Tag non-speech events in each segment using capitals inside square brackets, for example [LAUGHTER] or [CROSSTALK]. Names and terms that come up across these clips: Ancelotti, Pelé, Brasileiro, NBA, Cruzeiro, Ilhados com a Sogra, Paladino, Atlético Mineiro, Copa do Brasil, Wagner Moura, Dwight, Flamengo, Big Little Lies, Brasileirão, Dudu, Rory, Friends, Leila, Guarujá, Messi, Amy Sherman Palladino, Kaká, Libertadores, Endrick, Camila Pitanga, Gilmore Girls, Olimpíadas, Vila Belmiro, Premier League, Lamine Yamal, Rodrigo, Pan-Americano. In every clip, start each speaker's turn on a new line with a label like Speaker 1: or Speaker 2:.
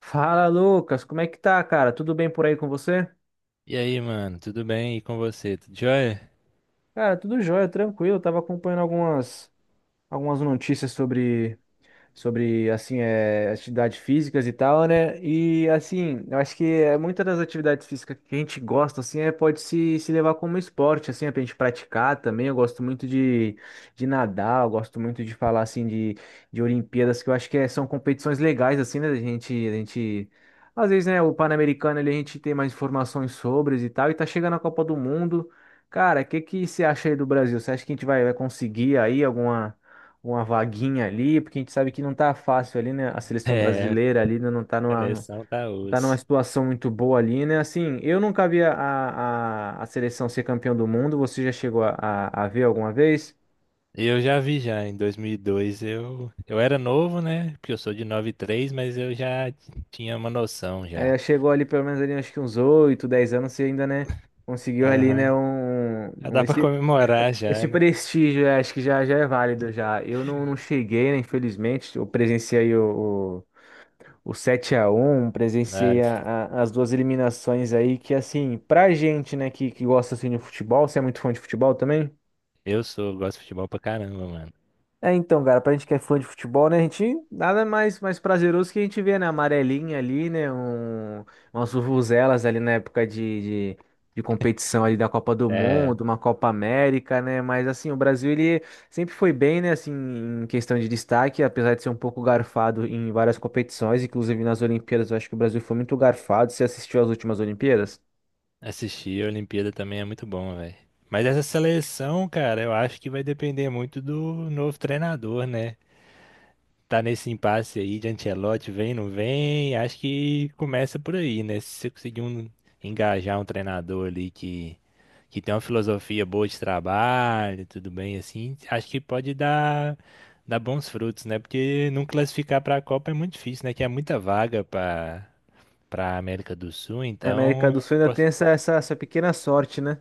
Speaker 1: Fala, Lucas, como é que tá, cara? Tudo bem por aí com você?
Speaker 2: E aí, mano, tudo bem? E com você? Tudo jóia?
Speaker 1: Cara, tudo jóia, tranquilo. Eu tava acompanhando algumas notícias sobre assim, atividades físicas e tal, né? E assim, eu acho que é muitas das atividades físicas que a gente gosta, assim, pode se levar como esporte, assim, é pra gente praticar também. Eu gosto muito de nadar, eu gosto muito de falar, assim, de Olimpíadas, que eu acho que são competições legais, assim, né? A gente, às vezes, né, o Pan-Americano ali, a gente tem mais informações sobre e tal, e tá chegando a Copa do Mundo. Cara, o que que você acha aí do Brasil? Você acha que a gente vai conseguir aí alguma, uma vaguinha ali, porque a gente sabe que não tá fácil ali, né? A
Speaker 2: [LAUGHS]
Speaker 1: seleção
Speaker 2: É,
Speaker 1: brasileira ali, né, não tá numa, não
Speaker 2: seleção tá
Speaker 1: tá numa
Speaker 2: osso.
Speaker 1: situação muito boa ali, né? Assim, eu nunca vi a seleção ser campeão do mundo. Você já chegou a ver alguma vez?
Speaker 2: Eu já vi já, em 2002 eu era novo, né? Porque eu sou de 93, mas eu tinha uma noção
Speaker 1: É,
Speaker 2: já.
Speaker 1: chegou ali pelo menos ali, acho que uns 8 10 anos, você ainda, né, conseguiu ali, né,
Speaker 2: Aham. Já
Speaker 1: um-
Speaker 2: dá pra
Speaker 1: esse,
Speaker 2: comemorar já,
Speaker 1: esse
Speaker 2: né?
Speaker 1: prestígio. É, acho que já, já é válido já. Eu não cheguei, né, infelizmente. Eu presenciei o 7-1, presenciei
Speaker 2: Mas
Speaker 1: as duas eliminações aí, que, assim, pra gente, né, que gosta assim de futebol. Você é muito fã de futebol também?
Speaker 2: eu sou, gosto de futebol pra caramba, mano.
Speaker 1: É, então, cara, pra gente que é fã de futebol, né, a gente, nada mais prazeroso que a gente vê, né, a amarelinha ali, né, um, umas vuvuzelas ali na época de competição ali da Copa do
Speaker 2: É,
Speaker 1: Mundo, uma Copa América, né. Mas, assim, o Brasil, ele sempre foi bem, né, assim, em questão de destaque, apesar de ser um pouco garfado em várias competições, inclusive nas Olimpíadas. Eu acho que o Brasil foi muito garfado. Você assistiu às últimas Olimpíadas?
Speaker 2: assistir a Olimpíada também é muito bom, velho. Mas essa seleção, cara, eu acho que vai depender muito do novo treinador, né? Tá nesse impasse aí de Ancelotti, vem, não vem, acho que começa por aí, né? Se você conseguir um- Engajar um treinador ali que tem uma filosofia boa de trabalho, tudo bem, assim, acho que pode dar bons frutos, né? Porque não classificar pra Copa é muito difícil, né? Que é muita vaga pra América do Sul,
Speaker 1: A América
Speaker 2: então.
Speaker 1: do Sul ainda tem
Speaker 2: poss-
Speaker 1: essa pequena sorte, né?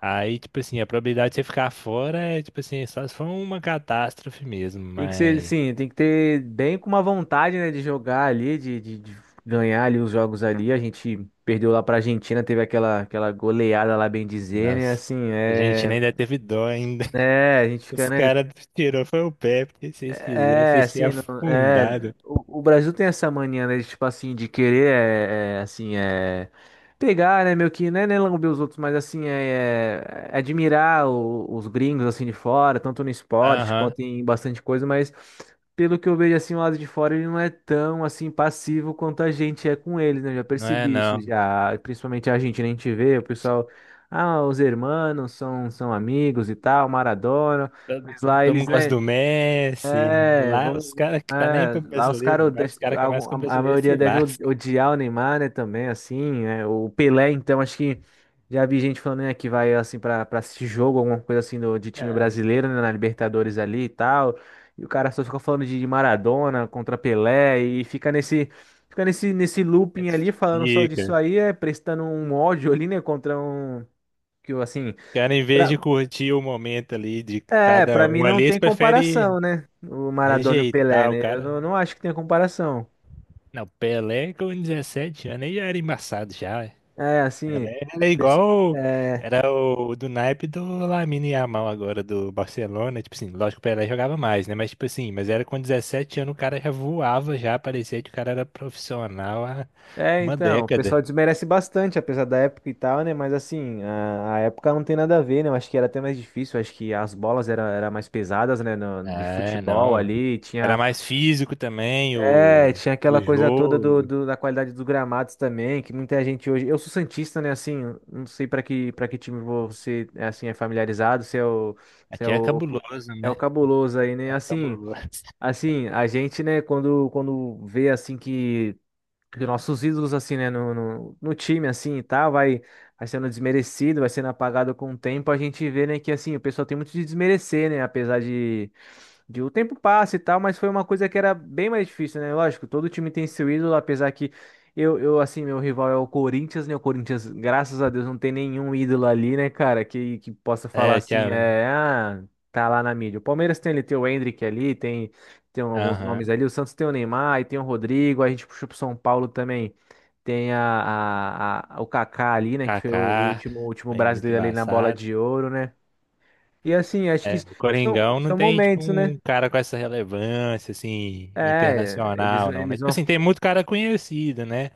Speaker 2: Aí, tipo assim, a probabilidade de você ficar fora é, tipo assim, só se for uma catástrofe mesmo,
Speaker 1: Tem que ser,
Speaker 2: mas.
Speaker 1: sim, tem que ter bem com uma vontade, né, de jogar ali, de ganhar ali os jogos ali. A gente perdeu lá pra Argentina, teve aquela, goleada lá, bem dizer, né?
Speaker 2: Nossa.
Speaker 1: Assim,
Speaker 2: A gente
Speaker 1: é.
Speaker 2: nem deve teve dó ainda.
Speaker 1: É, a gente
Speaker 2: Os
Speaker 1: fica, né?
Speaker 2: caras tirou foi o pé, porque se vocês quisessem,
Speaker 1: É,
Speaker 2: vocês
Speaker 1: assim.
Speaker 2: tinham
Speaker 1: É,
Speaker 2: afundado.
Speaker 1: o Brasil tem essa mania, né, de, tipo assim, de querer, assim, pegar, né, meio que, né, lamber os outros. Mas, assim, é, é admirar os gringos, assim, de fora, tanto no esporte
Speaker 2: Aham,
Speaker 1: quanto em bastante coisa. Mas, pelo que eu vejo, assim, o lado de fora, ele não é tão, assim, passivo quanto a gente é com eles, né. Eu já
Speaker 2: não é
Speaker 1: percebi isso
Speaker 2: não.
Speaker 1: já, principalmente a gente, né. A gente vê o pessoal: ah, os hermanos são amigos e tal, Maradona,
Speaker 2: Todo-
Speaker 1: mas lá
Speaker 2: Todo
Speaker 1: eles,
Speaker 2: mundo gosta
Speaker 1: né?
Speaker 2: do Messi.
Speaker 1: É,
Speaker 2: Lá
Speaker 1: vamos.
Speaker 2: os caras que tá nem
Speaker 1: É,
Speaker 2: pra
Speaker 1: lá os caras
Speaker 2: brasileiro. Lá
Speaker 1: odeiam,
Speaker 2: os caras que é mais que o
Speaker 1: a
Speaker 2: brasileiro
Speaker 1: maioria
Speaker 2: se
Speaker 1: deve
Speaker 2: lascam.
Speaker 1: odiar o Neymar, né? Também, assim, é, o Pelé, então, acho que já vi gente falando, né, que vai, assim, pra assistir jogo, alguma coisa assim do, de time
Speaker 2: [LAUGHS]
Speaker 1: brasileiro, né? Na Libertadores ali e tal. E o cara só fica falando de Maradona contra Pelé, e fica nesse. Fica nesse
Speaker 2: Ah,
Speaker 1: looping ali, falando só disso
Speaker 2: fica.
Speaker 1: aí, é, prestando um ódio ali, né, contra um. Que, assim.
Speaker 2: Os caras, em vez de curtir o momento ali de
Speaker 1: É, pra
Speaker 2: cada
Speaker 1: mim
Speaker 2: um
Speaker 1: não
Speaker 2: ali, eles
Speaker 1: tem
Speaker 2: preferem
Speaker 1: comparação, né? O Maradona e o Pelé,
Speaker 2: rejeitar o
Speaker 1: né? Eu
Speaker 2: cara.
Speaker 1: não acho que tem comparação.
Speaker 2: Não, Pelé com 17 anos aí já era embaçado já.
Speaker 1: É, assim,
Speaker 2: Ela
Speaker 1: o
Speaker 2: é, ela é
Speaker 1: pesso-,
Speaker 2: igual.
Speaker 1: é,
Speaker 2: Era o do naipe do Lamine Yamal agora, do Barcelona. Tipo assim, lógico, que o Pelé jogava mais, né? Mas, tipo assim, mas era com 17 anos, o cara já voava, já parecia que o cara era profissional há uma
Speaker 1: então, o
Speaker 2: década.
Speaker 1: pessoal desmerece bastante, apesar da época e tal, né? Mas, assim, a época não tem nada a ver, né? Eu acho que era até mais difícil. Eu acho que as bolas eram era era mais pesadas, né? No-, de
Speaker 2: É,
Speaker 1: futebol
Speaker 2: não.
Speaker 1: ali,
Speaker 2: Era
Speaker 1: tinha.
Speaker 2: mais físico também,
Speaker 1: É, tinha aquela
Speaker 2: o
Speaker 1: coisa toda do,
Speaker 2: jogo.
Speaker 1: da qualidade dos gramados também, que muita gente hoje. Eu sou santista, né? Assim, não sei para que time você é, assim, é familiarizado, se é o, se é
Speaker 2: Até é
Speaker 1: o
Speaker 2: cabuloso,
Speaker 1: é o
Speaker 2: né?
Speaker 1: cabuloso aí, né?
Speaker 2: É
Speaker 1: Assim,
Speaker 2: cabuloso. [LAUGHS]
Speaker 1: assim, a gente, né? Quando vê assim que nossos ídolos, assim, né, no, no time assim e tal, vai vai sendo desmerecido, vai sendo apagado com o tempo. A gente vê, né, que, assim, o pessoal tem muito de desmerecer, né? Apesar de o tempo passa e tal, mas foi uma coisa que era bem mais difícil, né? Lógico, todo time tem seu ídolo. Apesar que eu, assim, meu rival é o Corinthians, né? O Corinthians, graças a Deus, não tem nenhum ídolo ali, né, cara, que possa falar
Speaker 2: É,
Speaker 1: assim,
Speaker 2: tinha.
Speaker 1: é, ah, tá lá na mídia. O Palmeiras tem ali, tem o Endrick ali, tem, tem alguns nomes
Speaker 2: Aham.
Speaker 1: ali. O Santos tem o Neymar, e tem o Rodrigo, a gente puxou pro São Paulo também. Tem a, o Kaká ali, né? Que foi
Speaker 2: Kaká.
Speaker 1: o último
Speaker 2: Foi muito
Speaker 1: brasileiro ali na bola
Speaker 2: embaçado.
Speaker 1: de ouro, né? E, assim, acho que
Speaker 2: É, o
Speaker 1: são,
Speaker 2: Coringão não
Speaker 1: são
Speaker 2: tem, tipo,
Speaker 1: momentos, né?
Speaker 2: um cara com essa relevância, assim,
Speaker 1: É, eles,
Speaker 2: internacional, não, né?
Speaker 1: eles
Speaker 2: Tipo
Speaker 1: vão.
Speaker 2: assim, tem muito cara conhecido, né?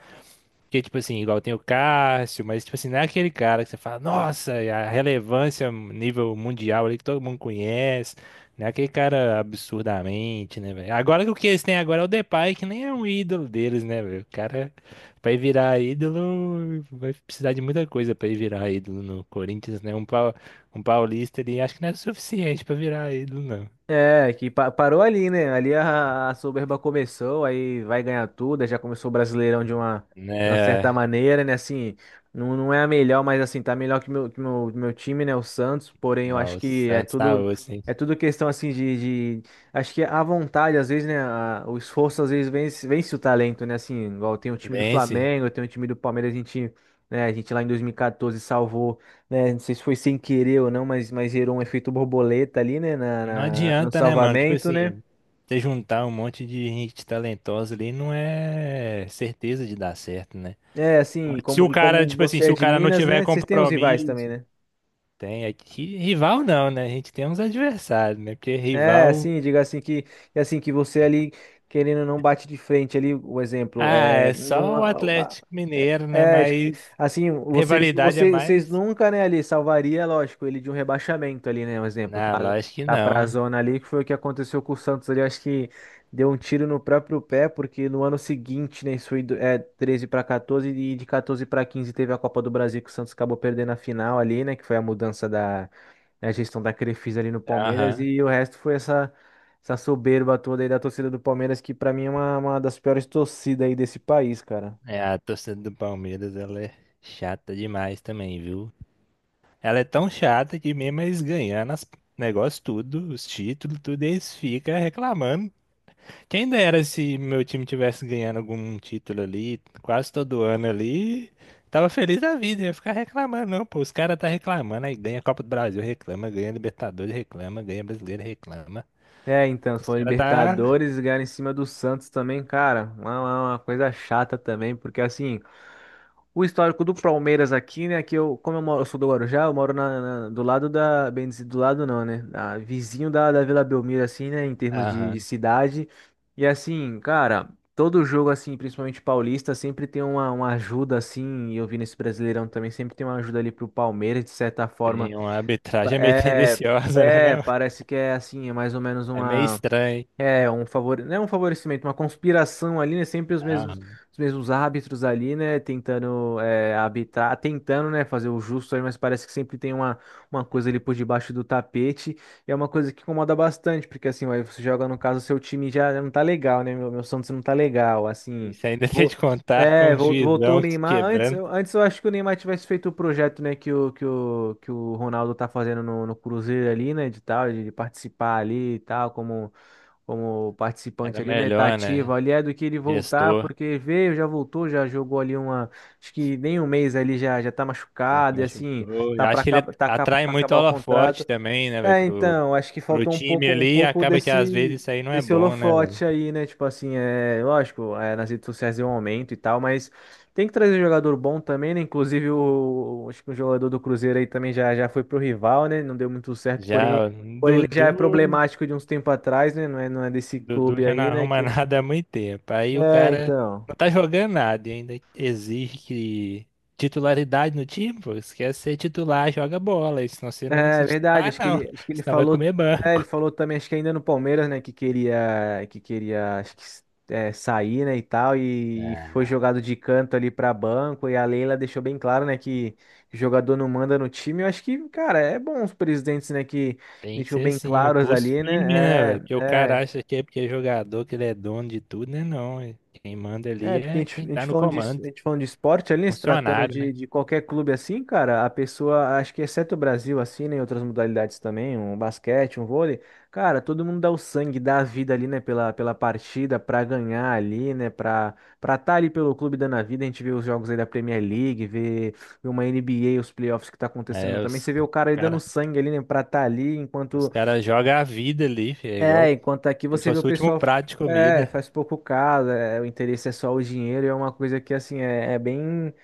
Speaker 2: Porque, tipo assim, igual tem o Cássio, mas, tipo assim, não é aquele cara que você fala, nossa, e a relevância nível mundial ali que todo mundo conhece. Não é aquele cara absurdamente, né, velho? Agora que o que eles têm agora é o Depay, que nem é um ídolo deles, né, velho? O cara, pra ele virar ídolo, vai precisar de muita coisa pra ele virar ídolo no Corinthians, né? Um paulista ali, acho que não é suficiente pra virar ídolo, não.
Speaker 1: É, que pa-, parou ali, né? Ali a soberba começou, aí vai ganhar tudo, aí já começou o Brasileirão de uma certa
Speaker 2: Né?
Speaker 1: maneira, né? Assim, não é a melhor, mas, assim, tá melhor que meu time, né? O Santos, porém eu
Speaker 2: Não,
Speaker 1: acho
Speaker 2: o
Speaker 1: que é
Speaker 2: Santos tá
Speaker 1: tudo.
Speaker 2: osso, hein?
Speaker 1: É tudo questão, assim, de, de-. Acho que a vontade, às vezes, né, a-, o esforço às vezes vence, o talento, né? Assim, igual tem o time do
Speaker 2: Vence.
Speaker 1: Flamengo, tem o time do Palmeiras. A gente, né, a gente lá em 2014 salvou, né? Não sei se foi sem querer ou não, mas gerou um efeito borboleta ali, né? Na,
Speaker 2: Não
Speaker 1: no
Speaker 2: adianta, né, mano? Tipo
Speaker 1: salvamento, né?
Speaker 2: assim, você juntar um monte de gente talentosa ali não é certeza de dar certo, né?
Speaker 1: É, assim,
Speaker 2: Se
Speaker 1: como,
Speaker 2: o
Speaker 1: e
Speaker 2: cara,
Speaker 1: como
Speaker 2: tipo assim,
Speaker 1: você
Speaker 2: se
Speaker 1: é
Speaker 2: o
Speaker 1: de
Speaker 2: cara não
Speaker 1: Minas,
Speaker 2: tiver
Speaker 1: né? Vocês têm os rivais também,
Speaker 2: compromisso,
Speaker 1: né?
Speaker 2: tem aqui rival não, né? A gente tem uns adversários, né? Porque
Speaker 1: É,
Speaker 2: rival,
Speaker 1: assim, diga assim que é, assim, que você ali, querendo ou não, bate de frente ali. O exemplo
Speaker 2: ah,
Speaker 1: é
Speaker 2: é
Speaker 1: não,
Speaker 2: só o
Speaker 1: a-, a-,
Speaker 2: Atlético Mineiro, né?
Speaker 1: é tipo,
Speaker 2: Mas
Speaker 1: assim, vocês
Speaker 2: rivalidade é
Speaker 1: vocês vocês
Speaker 2: mais?
Speaker 1: nunca, né, ali salvaria, lógico, ele de um rebaixamento ali, né, um exemplo.
Speaker 2: Não,
Speaker 1: Tá,
Speaker 2: lógico que
Speaker 1: tá pra
Speaker 2: não.
Speaker 1: zona ali, que foi o que aconteceu com o Santos ali, acho que deu um tiro no próprio pé. Porque no ano seguinte, né, isso foi do-, é, 13 para 14, e de 14 para 15 teve a Copa do Brasil, que o Santos acabou perdendo a final ali, né, que foi a mudança, né, a gestão da Crefisa ali no Palmeiras.
Speaker 2: Aham.
Speaker 1: E o resto foi essa, essa soberba toda aí da torcida do Palmeiras, que, pra mim, é uma, das piores torcidas aí desse país, cara.
Speaker 2: É, a torcida do Palmeiras, ela é chata demais também, viu? Ela é tão chata que mesmo eles ganhando as negócios tudo, os títulos, tudo, eles ficam reclamando. Quem dera se meu time tivesse ganhando algum título ali, quase todo ano ali, tava feliz da vida, ia ficar reclamando, não, pô, os caras tá reclamando, aí ganha Copa do Brasil, reclama, ganha Libertadores, reclama, ganha Brasileiro, reclama.
Speaker 1: É, então,
Speaker 2: Os
Speaker 1: foram
Speaker 2: caras tá...
Speaker 1: Libertadores, ganhar em cima do Santos também, cara, uma, uma coisa chata também, porque, assim. O histórico do Palmeiras aqui, né? Que eu, como eu moro, eu sou do Guarujá, eu moro na, do lado da, bem dizer, do lado não, né, da-, vizinho da Vila Belmiro, assim, né? Em termos de
Speaker 2: Aham,
Speaker 1: cidade. E, assim, cara, todo jogo, assim, principalmente paulista, sempre tem uma ajuda, assim. E eu vi nesse Brasileirão também, sempre tem uma ajuda ali pro Palmeiras, de certa forma.
Speaker 2: tem uma arbitragem meio [LAUGHS]
Speaker 1: É,
Speaker 2: tendenciosa, né,
Speaker 1: é,
Speaker 2: não?
Speaker 1: parece que é, assim, é mais ou menos
Speaker 2: É meio estranho.
Speaker 1: é um favor, não é um favorecimento, uma conspiração ali, né? Sempre os mesmos,
Speaker 2: Aham.
Speaker 1: os mesmos árbitros ali, né, tentando, é, habitar, tentando, né, fazer o justo aí. Mas parece que sempre tem uma, coisa ali por debaixo do tapete. E é uma coisa que incomoda bastante, porque, assim, aí você joga, no caso, seu time já não tá legal, né? Meu Santos não tá legal, assim.
Speaker 2: Isso ainda tem
Speaker 1: Vo-
Speaker 2: de contar com
Speaker 1: é,
Speaker 2: o
Speaker 1: vol- voltou o
Speaker 2: juizão
Speaker 1: Neymar. Antes,
Speaker 2: quebrando.
Speaker 1: antes eu acho que o Neymar tivesse feito o projeto, né, que o, que o Ronaldo tá fazendo no, Cruzeiro ali, né, de tal, de participar ali e tal, como, como participante
Speaker 2: Era
Speaker 1: ali, né? Tá
Speaker 2: melhor, né?
Speaker 1: ativo ali, é do que ele voltar,
Speaker 2: Gestor,
Speaker 1: porque veio, já voltou, já jogou ali uma, acho que nem um mês ali, já tá
Speaker 2: já se
Speaker 1: machucado. E, assim,
Speaker 2: machucou.
Speaker 1: tá
Speaker 2: Eu acho
Speaker 1: para
Speaker 2: que ele
Speaker 1: tá ca-
Speaker 2: atrai
Speaker 1: pra
Speaker 2: muito
Speaker 1: acabar o contrato.
Speaker 2: holofote também, né, velho,
Speaker 1: É, então, acho que
Speaker 2: pro
Speaker 1: faltou um
Speaker 2: time
Speaker 1: pouco,
Speaker 2: ali. E acaba que às vezes
Speaker 1: desse,
Speaker 2: isso aí não é
Speaker 1: desse
Speaker 2: bom, né, velho?
Speaker 1: holofote aí, né? Tipo assim, é, lógico, é, nas redes sociais é um aumento e tal, mas tem que trazer jogador bom também, né? Inclusive o, acho que o jogador do Cruzeiro aí também já foi pro rival, né? Não deu muito certo,
Speaker 2: Já
Speaker 1: porém
Speaker 2: o
Speaker 1: já é
Speaker 2: Dudu,
Speaker 1: problemático de uns tempo atrás, né? Não é desse
Speaker 2: Dudu
Speaker 1: clube
Speaker 2: já não
Speaker 1: aí, né?
Speaker 2: arruma [LAUGHS]
Speaker 1: Que...
Speaker 2: nada há muito tempo. Aí o
Speaker 1: É,
Speaker 2: cara
Speaker 1: então.
Speaker 2: não tá jogando nada e ainda exige que titularidade no time, pô. Se quer ser titular, joga bola. Senão você não vai
Speaker 1: É
Speaker 2: ser
Speaker 1: verdade,
Speaker 2: titular,
Speaker 1: acho que
Speaker 2: não.
Speaker 1: ele,
Speaker 2: [LAUGHS] Senão vai
Speaker 1: falou,
Speaker 2: comer
Speaker 1: é, ele
Speaker 2: banco.
Speaker 1: falou também, acho que ainda no Palmeiras, né, que queria, acho que é, sair, né, e tal, e foi jogado de canto ali pra banco. E a Leila deixou bem claro, né, que jogador não manda no time. Eu acho que, cara, é bom os presidentes, né, que
Speaker 2: Tem que
Speaker 1: deixou
Speaker 2: ser
Speaker 1: bem
Speaker 2: assim, é
Speaker 1: claros
Speaker 2: posto
Speaker 1: ali,
Speaker 2: firme, né,
Speaker 1: né?
Speaker 2: velho? Porque
Speaker 1: É,
Speaker 2: o cara
Speaker 1: é.
Speaker 2: acha que é porque é jogador, que ele é dono de tudo, né? Não, quem manda ali
Speaker 1: É, porque a
Speaker 2: é
Speaker 1: gente,
Speaker 2: quem tá no
Speaker 1: falando de,
Speaker 2: comando,
Speaker 1: a gente falando de esporte
Speaker 2: é
Speaker 1: ali, né, se tratando
Speaker 2: funcionário, né?
Speaker 1: de qualquer clube, assim, cara, a pessoa, acho que exceto o Brasil, assim, né, em outras modalidades também, um basquete, um vôlei, cara, todo mundo dá o sangue, dá a vida ali, né, pela partida, pra ganhar ali, né, pra, estar ali pelo clube dando a vida. A gente vê os jogos aí da Premier League, vê, uma NBA, os playoffs que tá acontecendo
Speaker 2: É,
Speaker 1: também. Você vê o cara aí dando
Speaker 2: cara,
Speaker 1: sangue ali, né, pra estar ali,
Speaker 2: os
Speaker 1: enquanto,
Speaker 2: caras jogam a vida ali, fi, é
Speaker 1: é,
Speaker 2: igual
Speaker 1: enquanto aqui
Speaker 2: como se
Speaker 1: você vê o
Speaker 2: fosse o último
Speaker 1: pessoal,
Speaker 2: prato de
Speaker 1: é,
Speaker 2: comida.
Speaker 1: faz pouco caso. É, o interesse é só o dinheiro. E é uma coisa que, assim, é, é bem,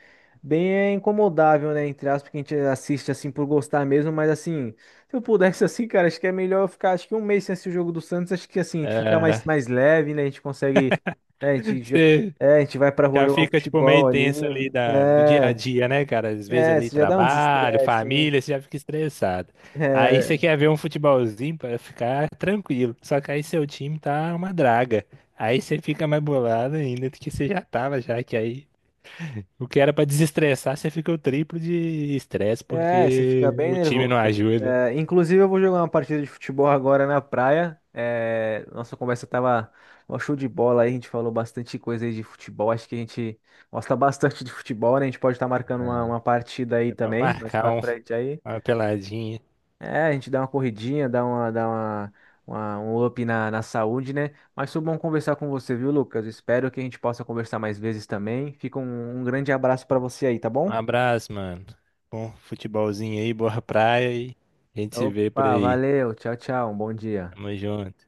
Speaker 1: incomodável, né, entre aspas, que a gente assiste assim por gostar mesmo. Mas, assim, se eu pudesse [LAUGHS] assim, cara, acho que é melhor eu ficar, acho que, um mês sem assistir o jogo do Santos. Acho que, assim, a gente fica
Speaker 2: É,
Speaker 1: mais leve, né, a gente consegue, né. A gente
Speaker 2: [LAUGHS]
Speaker 1: a gente vai pra rua
Speaker 2: já
Speaker 1: jogar um
Speaker 2: fica, tipo,
Speaker 1: futebol
Speaker 2: meio
Speaker 1: ali.
Speaker 2: tenso ali do dia a
Speaker 1: É,
Speaker 2: dia, né, cara? Às vezes
Speaker 1: é,
Speaker 2: ali
Speaker 1: isso já dá um
Speaker 2: trabalho,
Speaker 1: desestresse, né?
Speaker 2: família, você já fica estressado. Aí
Speaker 1: É.
Speaker 2: você quer ver um futebolzinho pra ficar tranquilo. Só que aí seu time tá uma draga. Aí você fica mais bolado ainda do que você já tava, já que aí o que era pra desestressar, você fica o triplo de estresse
Speaker 1: É, você
Speaker 2: porque
Speaker 1: fica bem
Speaker 2: o time
Speaker 1: nervoso.
Speaker 2: não ajuda.
Speaker 1: É, inclusive, eu vou jogar uma partida de futebol agora na praia. É, nossa conversa tava um show de bola aí. A gente falou bastante coisa aí de futebol. Acho que a gente gosta bastante de futebol, né? A gente pode estar marcando uma partida aí
Speaker 2: É pra
Speaker 1: também, mais
Speaker 2: marcar
Speaker 1: pra
Speaker 2: um-
Speaker 1: frente aí.
Speaker 2: uma peladinha.
Speaker 1: É, a gente dá uma corridinha, dá uma-, um up na, saúde, né? Mas foi bom conversar com você, viu, Lucas? Espero que a gente possa conversar mais vezes também. Fica um, grande abraço pra você aí, tá
Speaker 2: Um
Speaker 1: bom?
Speaker 2: abraço, mano. Bom futebolzinho aí, boa praia e a gente se vê por
Speaker 1: Opa,
Speaker 2: aí.
Speaker 1: valeu, tchau, tchau, um bom dia.
Speaker 2: Tamo junto.